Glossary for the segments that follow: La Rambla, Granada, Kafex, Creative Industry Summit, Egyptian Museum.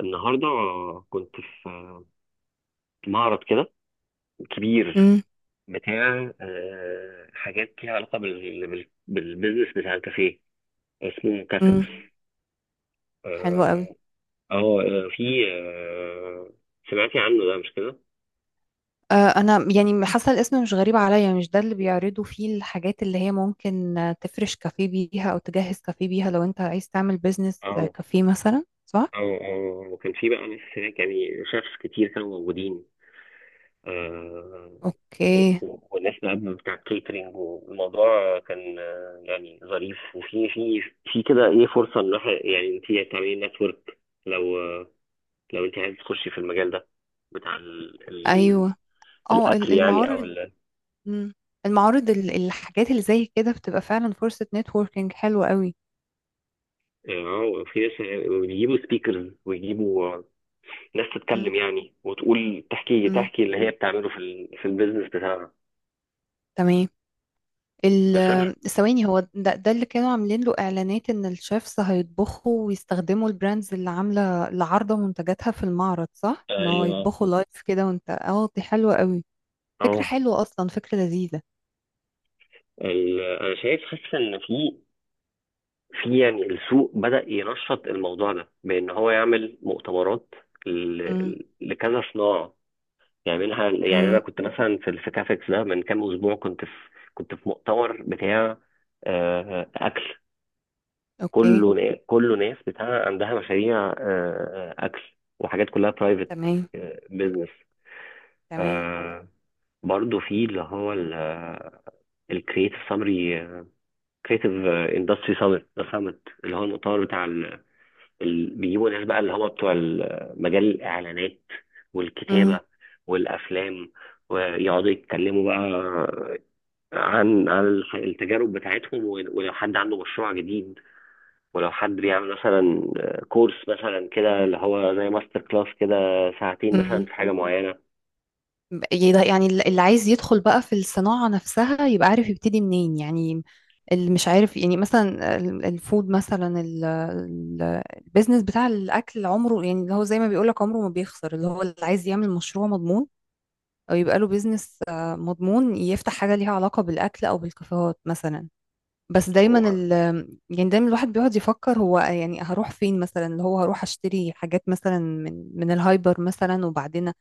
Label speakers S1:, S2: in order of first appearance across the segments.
S1: النهارده كنت في معرض كده كبير
S2: امم.
S1: بتاع حاجات ليها علاقه بالبيزنس بتاع الكافيه. اسمه كافيكس.
S2: امم. حلو قوي.
S1: اه، في، آه، سمعتي عنه ده مش كده؟
S2: آه، انا يعني حاسه الاسم مش غريب عليا، مش ده اللي بيعرضوا فيه الحاجات اللي هي ممكن، تفرش كافيه بيها او تجهز كافيه بيها لو انت عايز تعمل بيزنس
S1: اه
S2: كافيه مثلا، صح؟
S1: اه اه. وكان في بقى ناس هناك يعني شيفs كتير كانوا موجودين، آه،
S2: اوكي.
S1: والناس بقى بتاع الكيترينج. والموضوع كان يعني ظريف. وفي في في كده ايه فرصه ان الواحد يعني انت تعملي نتورك لو، لو انت عايز تخشي في المجال ده بتاع ال
S2: ايوه. اه،
S1: الاكل يعني او
S2: المعارض.
S1: ال،
S2: مم. المعارض، الحاجات اللي زي كده بتبقى فعلا فرصه نتوركينج حلوه قوي.
S1: اه. في ناس بيجيبوا سبيكرز ويجيبوا ناس
S2: امم.
S1: تتكلم يعني، وتقول تحكي
S2: امم.
S1: تحكي اللي هي بتعمله في البيزنس بتاعها.
S2: تمام.
S1: بس انا،
S2: ثواني، هو ده اللي كانوا عاملين له اعلانات ان الشيفز هيطبخوا ويستخدموا البراندز اللي عامله اللي عارضه منتجاتها في المعرض، صح؟ ان هو
S1: ايوه،
S2: يطبخوا لايف كده. وانت اه، دي حلوه قوي، فكره
S1: اه.
S2: حلوه اصلا، فكره لذيذه.
S1: انا شايف، حاسس ان في، يعني السوق بدأ ينشط الموضوع ده بإن هو يعمل مؤتمرات
S2: امم.
S1: لكذا صناعة يعملها. يعني أنا
S2: امم.
S1: كنت مثلا في كافكس ده من كام أسبوع. كنت في، كنت في مؤتمر بتاع أكل.
S2: اوكي.
S1: كله ناس بتاع عندها مشاريع أكل، وحاجات كلها برايفت
S2: تمام.
S1: بيزنس.
S2: تمام.
S1: برضه في اللي هو الكريتيف سامري، كريتيف اندستري سامت، ده سامت اللي هو المؤتمر بتاع بيجيبوا ناس بقى اللي هو بتوع مجال الإعلانات والكتابة والأفلام، ويقعدوا يتكلموا بقى عن التجارب بتاعتهم. ولو حد عنده مشروع جديد، ولو حد بيعمل مثلا كورس مثلا كده اللي هو زي ماستر كلاس كده، ساعتين مثلا
S2: امم.
S1: في حاجة معينة.
S2: يعني اللي عايز يدخل بقى في الصناعة نفسها يبقى عارف يبتدي منين يعني. اللي مش عارف يعني، مثلا الفود، مثلا البيزنس بتاع الأكل عمره، يعني اللي هو زي ما بيقولك عمره ما بيخسر، اللي هو اللي عايز يعمل مشروع مضمون أو يبقى له بيزنس مضمون، يفتح حاجة ليها علاقة بالأكل أو بالكافيهات مثلا. بس دايما
S1: هو
S2: ال، يعني دايما الواحد بيقعد يفكر هو يعني هروح فين مثلا، اللي هو هروح اشتري حاجات مثلا من الهايبر مثلا، وبعدين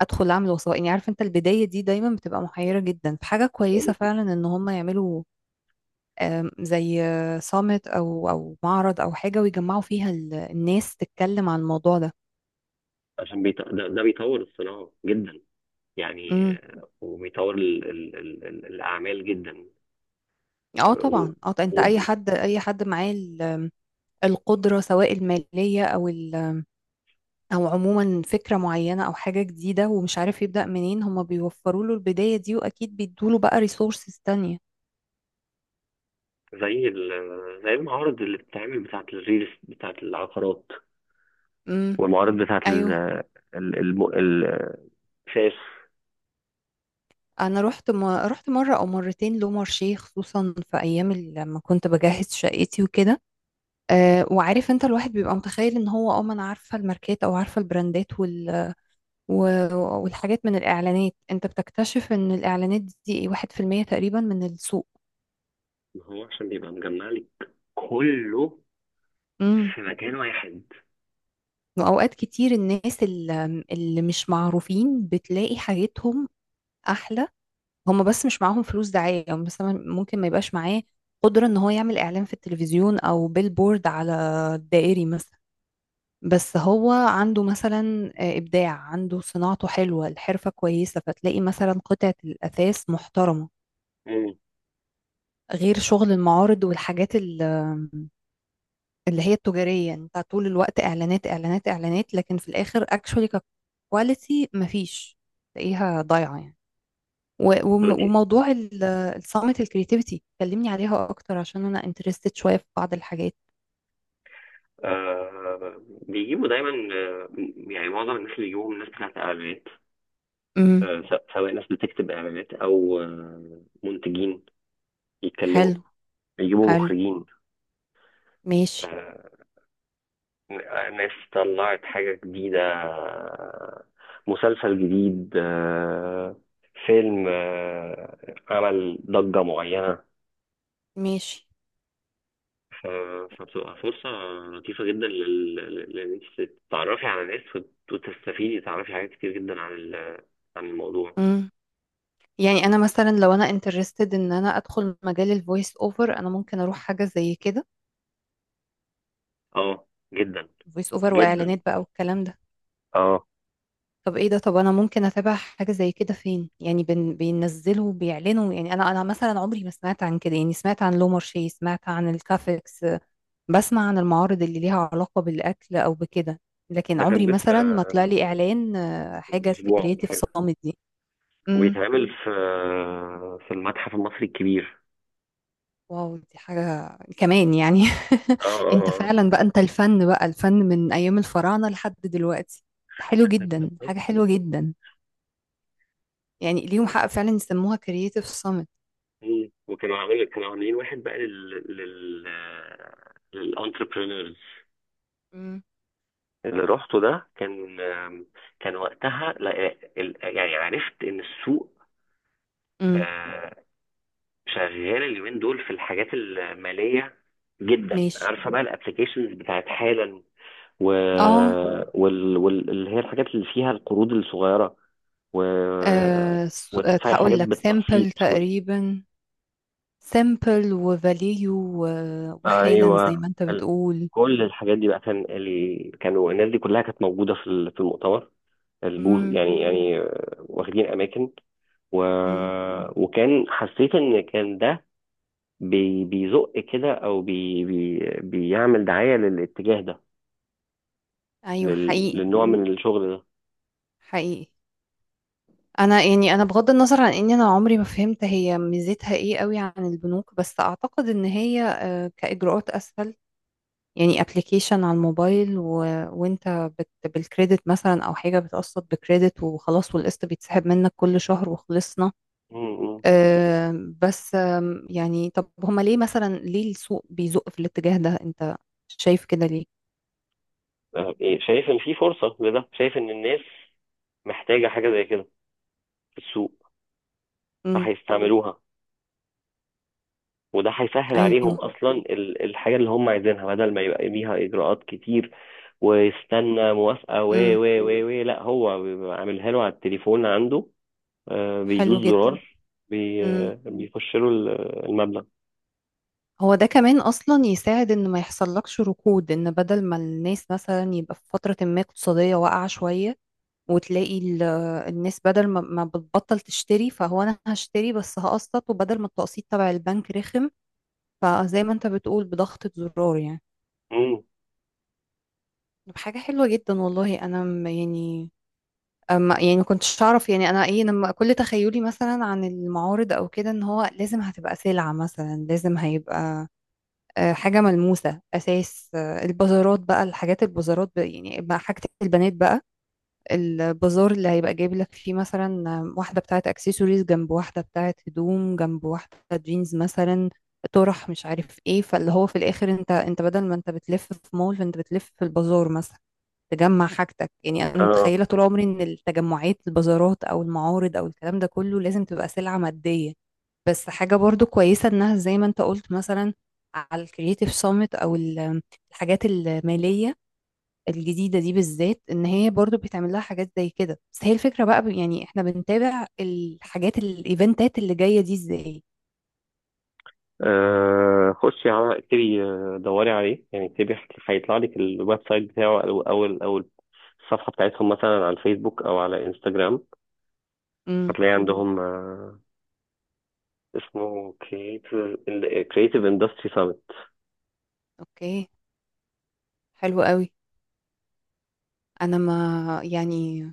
S2: ادخل اعمل وثائقي. عارف انت، البدايه دي دايما بتبقى محيره جدا، فحاجه كويسه فعلا ان هم يعملوا زي صامت او او معرض او حاجه، ويجمعوا فيها الناس تتكلم عن الموضوع ده.
S1: عشان ده بيطور الصناعة جدا يعني،
S2: امم.
S1: وبيطور الأعمال جدا.
S2: اه طبعا، اه، انت
S1: و...
S2: اي حد، اي حد معاه القدره، سواء الماليه او ال، او عموما فكره معينه او حاجه جديده ومش عارف يبدا منين، هم بيوفروا له البدايه دي، واكيد بيدوا له بقى ريسورسز تانية.
S1: زي زي المعارض اللي بتتعمل بتاعة الريلز بتاعة العقارات،
S2: امم.
S1: والمعارض بتاعة ال،
S2: ايوه.
S1: ال- الم- ال- الشاش.
S2: انا رحت مره او مرتين لو مارشيه، خصوصا في ايام لما كنت بجهز شقتي وكده. أه، وعارف انت، الواحد بيبقى متخيل ان هو، اه، ما انا عارفه الماركات او عارفه البراندات و... والحاجات من الاعلانات، انت بتكتشف ان الاعلانات دي 1% تقريبا من السوق.
S1: ما هو عشان بيبقى مجمع لك كله
S2: امم.
S1: في مكان واحد.
S2: واوقات كتير الناس اللي مش معروفين بتلاقي حاجتهم احلى، هم بس مش معاهم فلوس دعاية، او مثلا ممكن ما يبقاش معاه قدرة ان هو يعمل اعلان في التلفزيون او بيلبورد على الدائري مثلا. بس هو عنده مثلا ابداع، عنده صناعته حلوة، الحرفة كويسة، فتلاقي مثلا قطعة الاثاث محترمة،
S1: مم.
S2: غير شغل المعارض والحاجات اللي هي التجارية. انت طول الوقت اعلانات اعلانات اعلانات، لكن في الاخر اكشولي ككواليتي مفيش، تلاقيها ضايعة يعني.
S1: دلوقتي
S2: وموضوع الصامت الكرياتيفيتي، كلمني عليها اكتر عشان انا انترستد شوية في بعض الحاجات.
S1: آه بيجيبوا دايما، آه، يعني معظم الناس اللي بيجيبوهم ناس بتاعت اعلانات.
S2: امم.
S1: آه، سواء ناس بتكتب اعلانات او آه منتجين يتكلموا،
S2: حلو.
S1: يجيبوا
S2: حلو.
S1: مخرجين،
S2: ماشي.
S1: آه، ناس طلعت حاجة جديدة، مسلسل جديد، فيلم، عمل ضجة معينة.
S2: ماشي.
S1: ف- فبتبقى فرصة لطيفة جدا لأن أنت تتعرفي على ناس، وتستفيدي، تعرفي حاجات كتير جدا عن عن الموضوع.
S2: امم. يعني انا مثلا لو انا انترستد ان انا ادخل مجال الفويس اوفر، انا ممكن اروح حاجة زي كده،
S1: اه، جدا
S2: فويس اوفر
S1: جدا.
S2: واعلانات بقى والكلام ده.
S1: اه،
S2: طب ايه ده، طب انا ممكن اتابع حاجة زي كده فين يعني؟ بينزلوا بيعلنوا يعني، انا مثلا عمري ما سمعت عن كده يعني، سمعت عن لومارشي، سمعت عن الكافكس، بسمع عن المعارض اللي ليها علاقة بالأكل أو بكده، لكن
S1: ده كان
S2: عمري
S1: لسه
S2: مثلا ما طلع لي إعلان،
S1: من
S2: حاجة
S1: أسبوع ولا
S2: كرياتيف
S1: حاجة،
S2: صامت دي. امم.
S1: وبيتعمل في، في المتحف المصري الكبير.
S2: واو، دي حاجة كمان يعني.
S1: اه اه
S2: انت
S1: آه.
S2: فعلا بقى، انت الفن بقى، الفن من أيام الفراعنة لحد دلوقتي. حلو جدا، حاجة حلوة جدا. يعني ليهم حق فعلا يسموها كرياتيف صامت.
S1: مم. وكانوا عاملين كانوا عاملين واحد بقى لل لل للانتربرينورز.
S2: امم.
S1: اللي رحته ده كان كان وقتها يعني عرفت ان السوق
S2: امم.
S1: آه، شغال اليومين دول في الحاجات الماليه جدا.
S2: ماشي.
S1: عارفه بقى الابلكيشنز بتاعت حالا، و...
S2: اه.
S1: اللي هي الحاجات اللي فيها القروض الصغيره، و... وتدفعي حاجات
S2: هقول لك
S1: بالتقسيط.
S2: سامبل تقريبا، سامبل وفاليو، وحالا زي
S1: ايوه.
S2: ما انت بتقول.
S1: كل الحاجات دي بقى كان كانوا الناس دي كلها كانت موجوده في المؤتمر البوز
S2: امم.
S1: يعني. يعني واخدين اماكن. و...
S2: امم.
S1: وكان، حسيت ان كان ده بيزق كده، او بيعمل دعايه للاتجاه ده،
S2: ايوه. حقيقي.
S1: للنوع من الشغل ده.
S2: حقيقي. انا يعني، انا بغض النظر عن اني انا عمري ما فهمت هي ميزتها ايه قوي عن البنوك، بس اعتقد ان هي كاجراءات اسهل. يعني ابلكيشن على الموبايل، وانت بالكريدت مثلا، او حاجه بتقسط بكريدت وخلاص، والقسط بيتسحب منك كل شهر وخلصنا.
S1: م- م.
S2: آه، بس يعني، طب هما ليه مثلا، ليه السوق بيزق في الاتجاه ده؟ انت شايف كده ليه؟
S1: آه، إيه، شايف ان في فرصه لده، شايف ان الناس محتاجه حاجه زي كده في السوق،
S2: امم.
S1: فهيستعملوها، وده هيسهل عليهم
S2: ايوه.
S1: اصلا الحاجه اللي هم عايزينها، بدل ما يبقى ليها اجراءات كتير، ويستنى موافقه و
S2: امم.
S1: و و و لا هو بيبقى عاملها له على التليفون عنده، بيدوس
S2: حلو جدا.
S1: زرار،
S2: امم.
S1: بيخش له المبلغ.
S2: هو ده كمان اصلا يساعد ان ما يحصلكش ركود، ان بدل ما الناس مثلا يبقى في فترة ما اقتصادية واقعة شوية، وتلاقي الناس بدل ما بتبطل تشتري، فهو انا هشتري بس هقسط، وبدل ما التقسيط تبع البنك رخم، فزي ما انت بتقول، بضغطة زرار يعني.
S1: مم.
S2: طب حاجة حلوة جدا والله، انا يعني، أما يعني ما كنتش اعرف يعني. انا ايه، لما كل تخيلي مثلا عن المعارض او كده ان هو لازم هتبقى سلعة، مثلا لازم هيبقى حاجة ملموسة أساس. البازارات بقى، الحاجات البازارات بقى يعني، بقى حاجة البنات بقى، البازار اللي هيبقى جايب لك فيه مثلا واحدة بتاعت اكسسوارز، جنب واحدة بتاعت هدوم، جنب واحدة جينز مثلا، طرح مش عارف ايه. فاللي هو في الاخر انت بدل ما انت بتلف في مول، فانت بتلف في البازار مثلا، تجمع حاجتك يعني. انا
S1: اه،
S2: متخيلة طول عمري ان التجمعات، البازارات او المعارض او الكلام ده كله، لازم تبقى سلعة مادية. بس حاجة برضو كويسة انها زي ما انت قلت مثلا، على الكرييتيف سامت او الحاجات المالية الجديدة دي بالذات، ان هي برضو بيتعمل لها حاجات زي كده. بس هي الفكرة بقى يعني، احنا بنتابع الحاجات الايفنتات اللي جاية دي ازاي؟
S1: خشي على اكتبي، دوري عليه يعني، اكتبي هيطلع لك الويب سايت بتاعه، او او الصفحه بتاعتهم مثلا على الفيسبوك او على انستجرام،
S2: امم.
S1: هتلاقي عندهم. اسمه كريتيف، كريتيف اندستري سامت.
S2: اوكي. حلو قوي. انا ما يعني،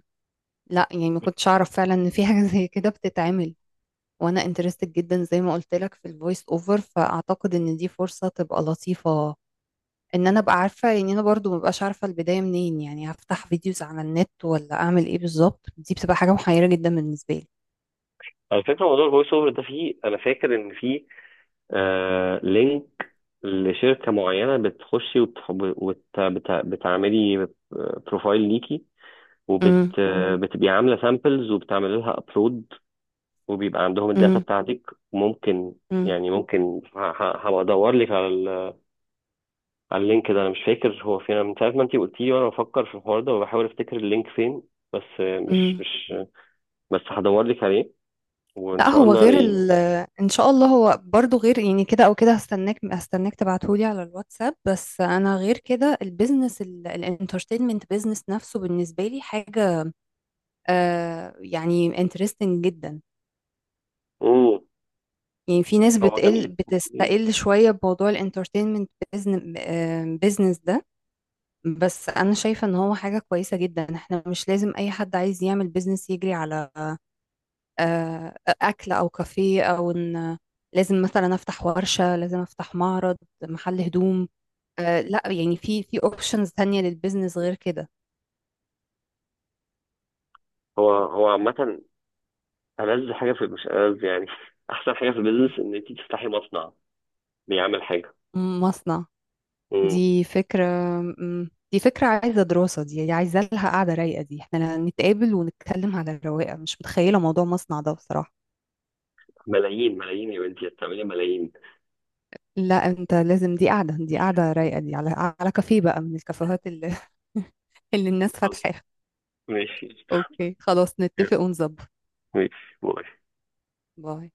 S2: لا يعني ما كنتش اعرف فعلا ان في حاجة زي كده بتتعمل. وانا انترستد جدا زي ما قلت لك في الفويس اوفر، فاعتقد ان دي فرصة تبقى لطيفة ان انا ابقى عارفة. يعني انا برضو ما ببقاش عارفة البداية منين يعني، هفتح فيديوز على النت ولا اعمل ايه بالظبط؟ دي بتبقى حاجة محيرة جدا بالنسبة لي.
S1: على فكره موضوع الفويس اوفر ده فيه، انا فاكر ان فيه آه لينك لشركه معينه بتخشي بتعملي بروفايل ليكي، وبت
S2: امم.
S1: مم. بتبقي عامله سامبلز، وبتعمل لها ابلود، وبيبقى عندهم الداتا بتاعتك. ممكن
S2: امم.
S1: يعني ممكن هبقى ادور لك على ال... على اللينك ده. انا مش فاكر هو فين. أنا من ساعه ما انت قلتي لي وانا بفكر في الحوار ده، وبحاول افتكر اللينك فين، بس آه، مش
S2: مم.
S1: مش بس هدور لك عليه، وان
S2: لا،
S1: شاء
S2: هو
S1: الله
S2: غير
S1: الاقيه.
S2: ان شاء الله. هو برضو غير يعني كده او كده، هستناك، هستناك تبعتهولي على الواتساب. بس انا غير كده، البيزنس، الانترتينمنت بيزنس نفسه بالنسبه لي حاجه آه، يعني انترستنج جدا.
S1: امم.
S2: يعني في ناس
S1: هو جميل، جميل.
S2: بتستقل شويه بموضوع الانترتينمنت بيزنس ده. بس انا شايفه ان هو حاجه كويسه جدا. احنا مش لازم اي حد عايز يعمل بيزنس يجري على أكل أو كافيه، أو إن لازم مثلا أفتح ورشة، لازم أفتح معرض، محل هدوم. لا يعني، في في أوبشنز تانية للبيزنس غير كده.
S1: هو هو عامة ألذ حاجة في، مش ألذ يعني أحسن حاجة في البيزنس إن أنت تفتحي مصنع بيعمل حاجة.
S2: مصنع؟
S1: امم.
S2: دي فكرة. مم، دي فكرة عايزة دراسة، دي عايزة لها قعدة رايقة. دي احنا نتقابل ونتكلم على الرواقة، مش متخيلة موضوع مصنع ده بصراحة.
S1: ملايين، ملايين يا بنتي، هتعملي ملايين.
S2: لا، انت لازم، دي قعدة، دي قعدة رايقة، دي على على كافيه بقى من الكافيهات اللي اللي الناس
S1: خلاص.
S2: فاتحاها.
S1: ماشي
S2: اوكي، خلاص نتفق ونظبط.
S1: ماشي. باي.
S2: باي.